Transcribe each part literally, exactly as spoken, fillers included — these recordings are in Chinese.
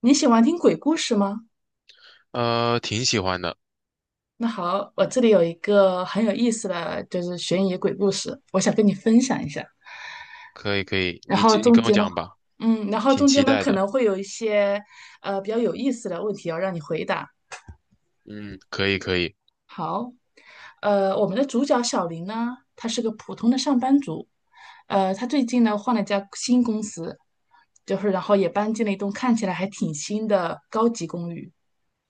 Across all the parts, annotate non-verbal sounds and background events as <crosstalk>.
你喜欢听鬼故事吗？呃，挺喜欢的。那好，我这里有一个很有意思的，就是悬疑鬼故事，我想跟你分享一下。可以可以，然你后就你中跟我间呢，讲吧。嗯，然后挺中间期呢待可的。能会有一些呃比较有意思的问题要让你回答。嗯，可以可以。好，呃，我们的主角小林呢，他是个普通的上班族，呃，他最近呢换了一家新公司，就是然后也搬进了一栋看起来还挺新的高级公寓，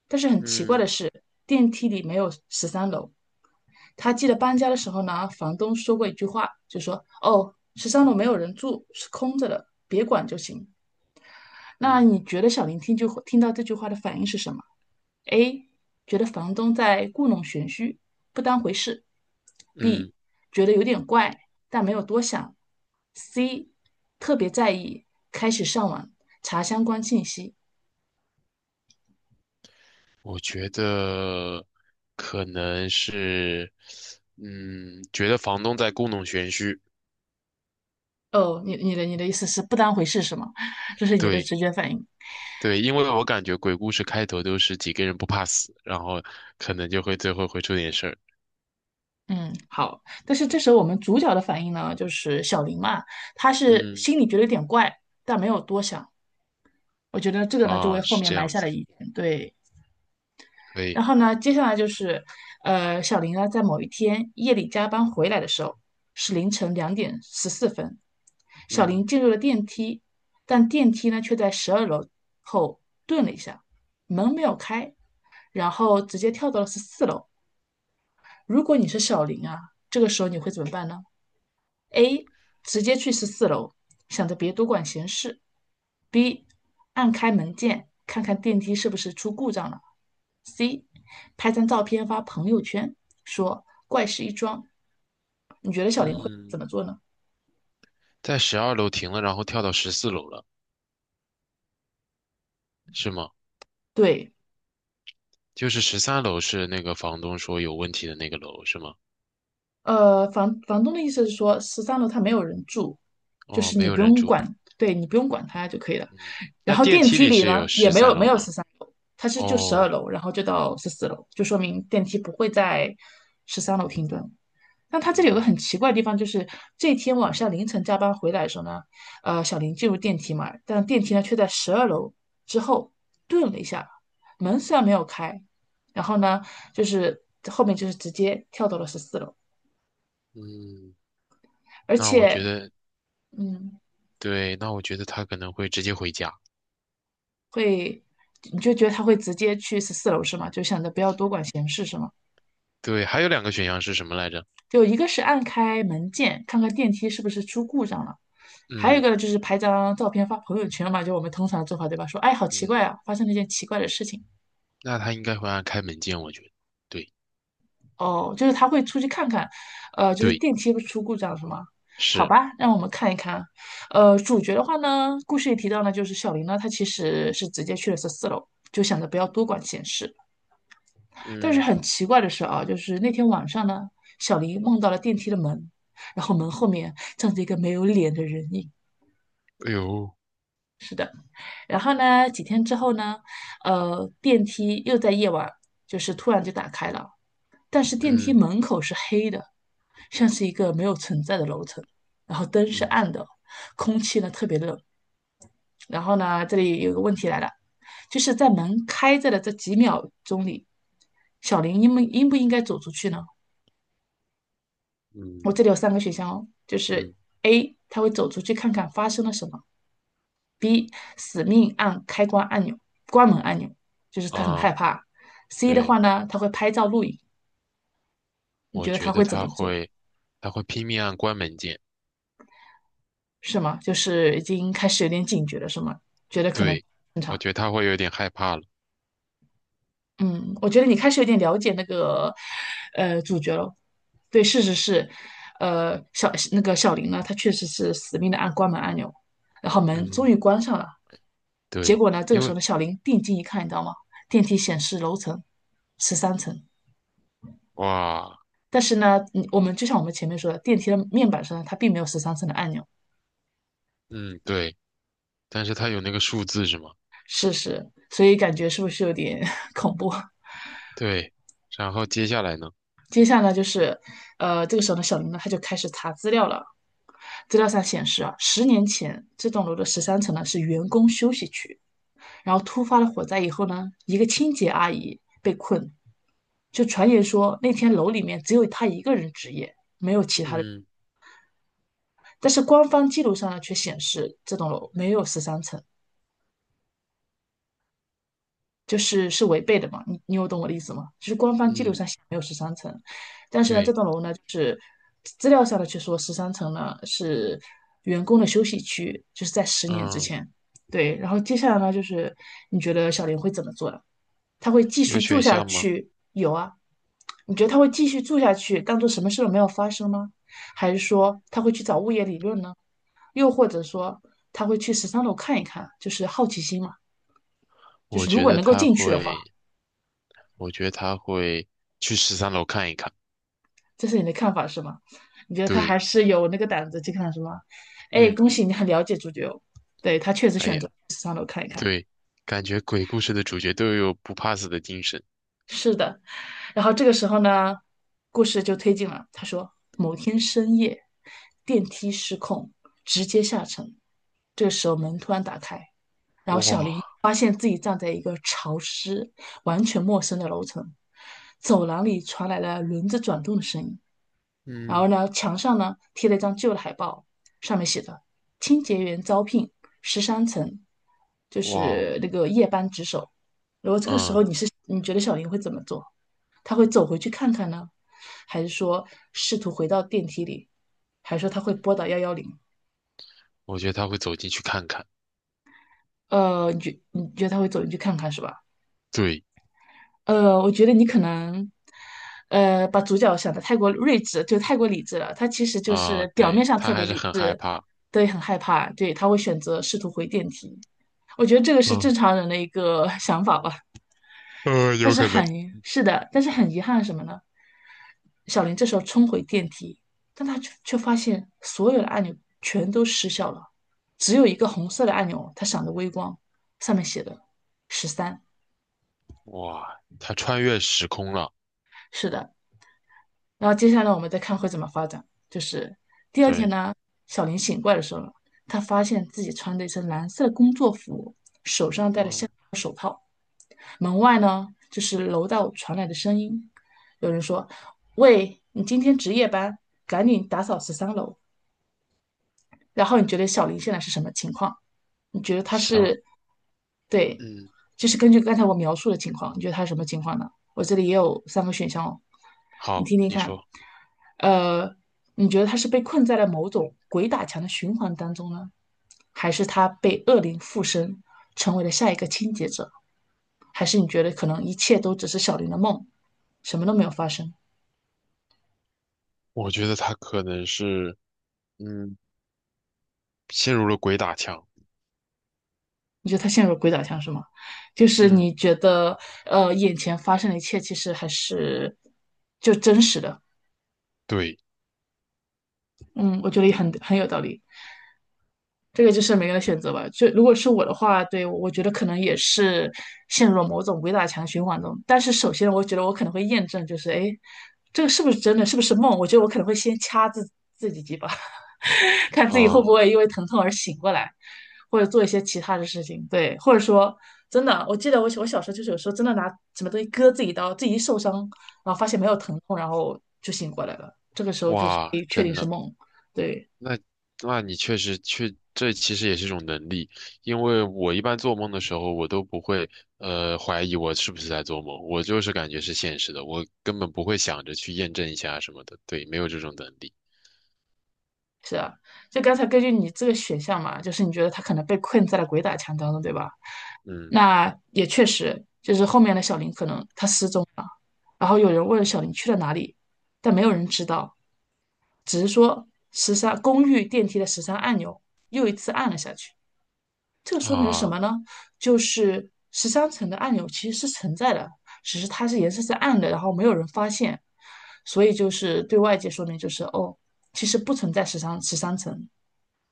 但是很奇怪的嗯是，电梯里没有十三楼。他记得搬家的时候呢，房东说过一句话，就说："哦，十三楼没有人住，是空着的，别管就行。"那嗯你觉得小林听就听到这句话的反应是什么？A. 觉得房东在故弄玄虚，不当回事；B. 嗯，觉得有点怪，但没有多想；C. 特别在意，开始上网查相关信息。我觉得可能是，嗯，觉得房东在故弄玄虚。哦，你你的你的意思是不当回事是吗？<laughs> 这是你的对直觉反应。对，因为我感觉鬼故事开头都是几个人不怕死，然后可能就会最后会出点事儿。嗯，好。但是这时候我们主角的反应呢，就是小林嘛，他是嗯心里觉得有点怪，但没有多想。我觉得这个呢，就为啊，后是面这埋样下子，了疑点对。可以。然后呢，接下来就是，呃，小林呢，在某一天夜里加班回来的时候，是凌晨两点十四分。小林嗯进入了电梯，但电梯呢却在十二楼后顿了一下，门没有开，然后直接跳到了十四楼。如果你是小林啊，这个时候你会怎么办呢？：A. 直接去十四楼，想着别多管闲事；B. 按开门键，看看电梯是不是出故障了；C. 拍张照片发朋友圈，说怪事一桩。你觉得小林会怎嗯，么做呢？在十二楼停了，然后跳到十四楼了，是吗？对，就是十三楼是那个房东说有问题的那个楼是吗？呃，房房东的意思是说，十三楼他没有人住，就哦，是没你有不人用住。管，对你不用管他就可以了。嗯，那然后电电梯梯里里是呢，有也十没三有没楼有吗？十三。它是就十二哦，楼，然后就到十四楼，就说明电梯不会在十三楼停顿。但他这里有个很嗯奇怪的地方，就是这天晚上凌晨加班回来的时候呢，呃，小林进入电梯嘛，但电梯呢却在十二楼之后顿了一下，门虽然没有开，然后呢，就是后面就是直接跳到了十四楼，嗯，而那我且，觉得嗯，对，那我觉得他可能会直接回家。会，你就觉得他会直接去十四楼是吗？就想着不要多管闲事是吗？对，还有两个选项是什么来着？就一个是按开门键，看看电梯是不是出故障了，还有一嗯个呢就是拍张照片发朋友圈嘛，就我们通常的做法，对吧？说，哎，好奇怪嗯，啊，发生了一件奇怪的事情。那他应该会按开门键，我觉得。对哦，就是他会出去看看，呃，就是对电梯不是出故障了是吗？好是。吧，让我们看一看。呃，主角的话呢，故事里提到呢，就是小林呢，他其实是直接去了十四楼，就想着不要多管闲事。但是嗯，很奇怪的是啊，就是那天晚上呢，小林梦到了电梯的门，然后门后面站着一个没有脸的人影。哎呦。然后呢，几天之后呢，呃，电梯又在夜晚就是突然就打开了，但是电梯嗯门口是黑的，像是一个没有存在的楼层，然后灯是嗯暗的，空气呢特别冷。然后呢，这里有个问题来了，就是在门开着的这几秒钟里，小林应不应不应该走出去呢？我这嗯里有三个选项哦，就是 嗯 A,他会走出去看看发生了什么 B 死命按开关按钮、关门按钮，就是他很害啊，怕。C 的对，话呢，他会拍照录影。你我觉得他觉得会怎他么做？会，他会拼命按关门键。是吗？就是已经开始有点警觉了，是吗？觉得可能不对，正我常。觉得他会有点害怕了。嗯，我觉得你开始有点了解那个呃主角了。对，事实是，呃，小那个小林呢，他确实是死命的按关门按钮，然后门终于嗯，关上了。结对，果呢，这个因时候为呢，小林定睛一看，你知道吗？电梯显示楼层十三层。哇，但是呢，嗯，我们就像我们前面说的，电梯的面板上它并没有十三层的按钮，嗯，对，但是他有那个数字是吗？是是，所以感觉是不是有点 <laughs> 恐怖？<laughs> 对，然后接下来呢？接下来就是，呃，这个时候呢，小林呢他就开始查资料了。资料上显示啊，十年前这栋楼的十三层呢是员工休息区，然后突发了火灾以后呢，一个清洁阿姨被困，就传言说那天楼里面只有她一个人值夜，嗯但是官方记录上呢却显示这栋楼没有十三层，就是是违背的嘛，你你有懂我的意思吗？就是官方记录嗯，上写没有十三层，但是呢，这对，栋楼呢，就是资料上的却说十三层呢是员工的休息区，就是在十年之嗯，前。对，然后接下来呢，就是你觉得小林会怎么做呢？他会继有续住选下项吗？去？有啊，你觉得他会继续住下去，当做什么事都没有发生吗？还是说他会去找物业理论呢？又或者说他会去十三楼看一看，就是好奇心嘛，就我是如觉果得能够他进去的话。会，我觉得他会去十三楼看一看。这是你的看法是吗？你觉得他还对，是有那个胆子去看是吗？哎，嗯，恭喜你很了解主角哦，对，他确实哎选呀，择上楼看一看。对，感觉鬼故事的主角都有不怕死的精神。是的，然后这个时候呢，故事就推进了。他说，某天深夜，电梯失控，直接下沉。这个时候门突然打开，然后小林哇，发现自己站在一个潮湿、完全陌生的楼层，走廊里传来了轮子转动的声音。然后嗯，呢，墙上呢贴了一张旧的海报，上面写着"清洁员招聘，十三层"，就哇哦，是那个夜班值守。如果这个时候嗯，你是你觉得小林会怎么做？他会走回去看看呢，还是说试图回到电梯里，还是说他会拨打幺幺零？我觉得他会走进去看看。呃，你觉你觉得他会走进去看看是吧？对。呃，我觉得你可能，呃，把主角想的太过睿智，就太过理智了。他其实就啊、是表面对，上特他别还是理很害智，怕。对，很害怕，对，他会选择试图回电梯。我觉得这个是嗯，正常人的一个 <laughs> 想法吧。呃，但有是可能。很，是的，但是很遗憾是什么呢？小林这时候冲回电梯，但他却却发现所有的按钮全都失效了，只有一个红色的按钮，它闪着微光，上面写的十三。哇，他穿越时空了。是的，然后接下来我们再看会怎么发展。就是第二天对，呢，小林醒过来的时候，他发现自己穿着一身蓝色的工作服，手上戴着项嗯，链。门外呢，就是楼道传来的声音，有人说："喂，你今天值夜班，赶紧打扫十三楼。"然后你觉得小林现在是什么情况？你觉得他行，是，对，嗯，就是根据刚才我描述的情况，你觉得他是什么情况呢？我这里也有三个选项哦，你好，听听你看。说。呃，你觉得他是被困在了某种鬼打墙的循环当中呢，还是他被恶灵附身，成为了下一个清洁者？还是你觉得可能一切都只是小林的梦，什么都没有发生？我觉得他可能是，嗯，陷入了鬼打墙。你觉得他陷入了鬼打墙是吗？就是嗯，你觉得呃，眼前发生的一切其实还是就真实的。对，嗯，我觉得也很很有道理。这个就是每个人的选择吧。就如果是我的话，对，我觉得可能也是陷入了某种鬼打墙循环中。但是首先，我觉得我可能会验证，就是哎，诶这个是不是真的？是不是梦？我觉得我可能会先掐自自己几把，<laughs> 看自己会不嗯，会因为疼痛而醒过来。或者做一些其他的事情，对，或者说真的，我记得我我小时候就是有时候真的拿什么东西割自己刀，自己一受伤，然后发现没有疼痛，然后就醒过来了，这个时候就是哇，可以确定真是的。梦，对，那那你确实确，这其实也是一种能力，因为我一般做梦的时候，我都不会呃怀疑我是不是在做梦，我就是感觉是现实的，我根本不会想着去验证一下什么的，对，没有这种能力。是啊，就刚才根据你这个选项嘛，就是你觉得他可能被困在了鬼打墙当中，对吧？嗯那也确实，就是后面的小林可能他失踪了，然后有人问小林去了哪里，但没有人知道，只是说十三公寓电梯的十三按钮又一次按了下去。这说明了什啊，么呢？就是十三层的按钮其实是存在的，只是它是颜色是暗的，然后没有人发现，所以就是对外界说明就是哦，其实不存在十三十三层，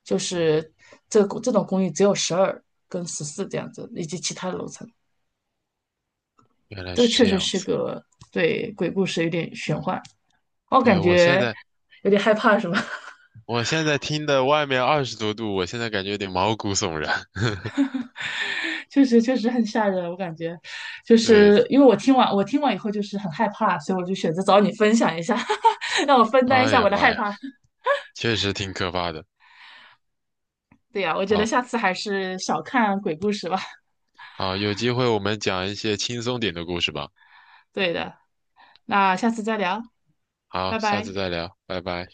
就是这个这种公寓只有十二跟十四这样子，以及其他的楼层。原来这个是确这实样是子。个对鬼故事有点玄幻，我对，感我现觉在有点害怕，是吗？<laughs> 我现在听的外面二十多度，我现在感觉有点毛骨悚然。<laughs> 确实确实很吓人，我感觉，就对，是因为我听完我听完以后就是很害怕，所以我就选择找你分享一下，<laughs> 让我分担一哎下呀我的妈害呀，怕。确实挺可怕的。对呀，我觉得好下次还是少看鬼故事吧。好，有机会我们讲一些轻松点的故事吧。对的，那下次再聊，好，拜下次拜。再聊，拜拜。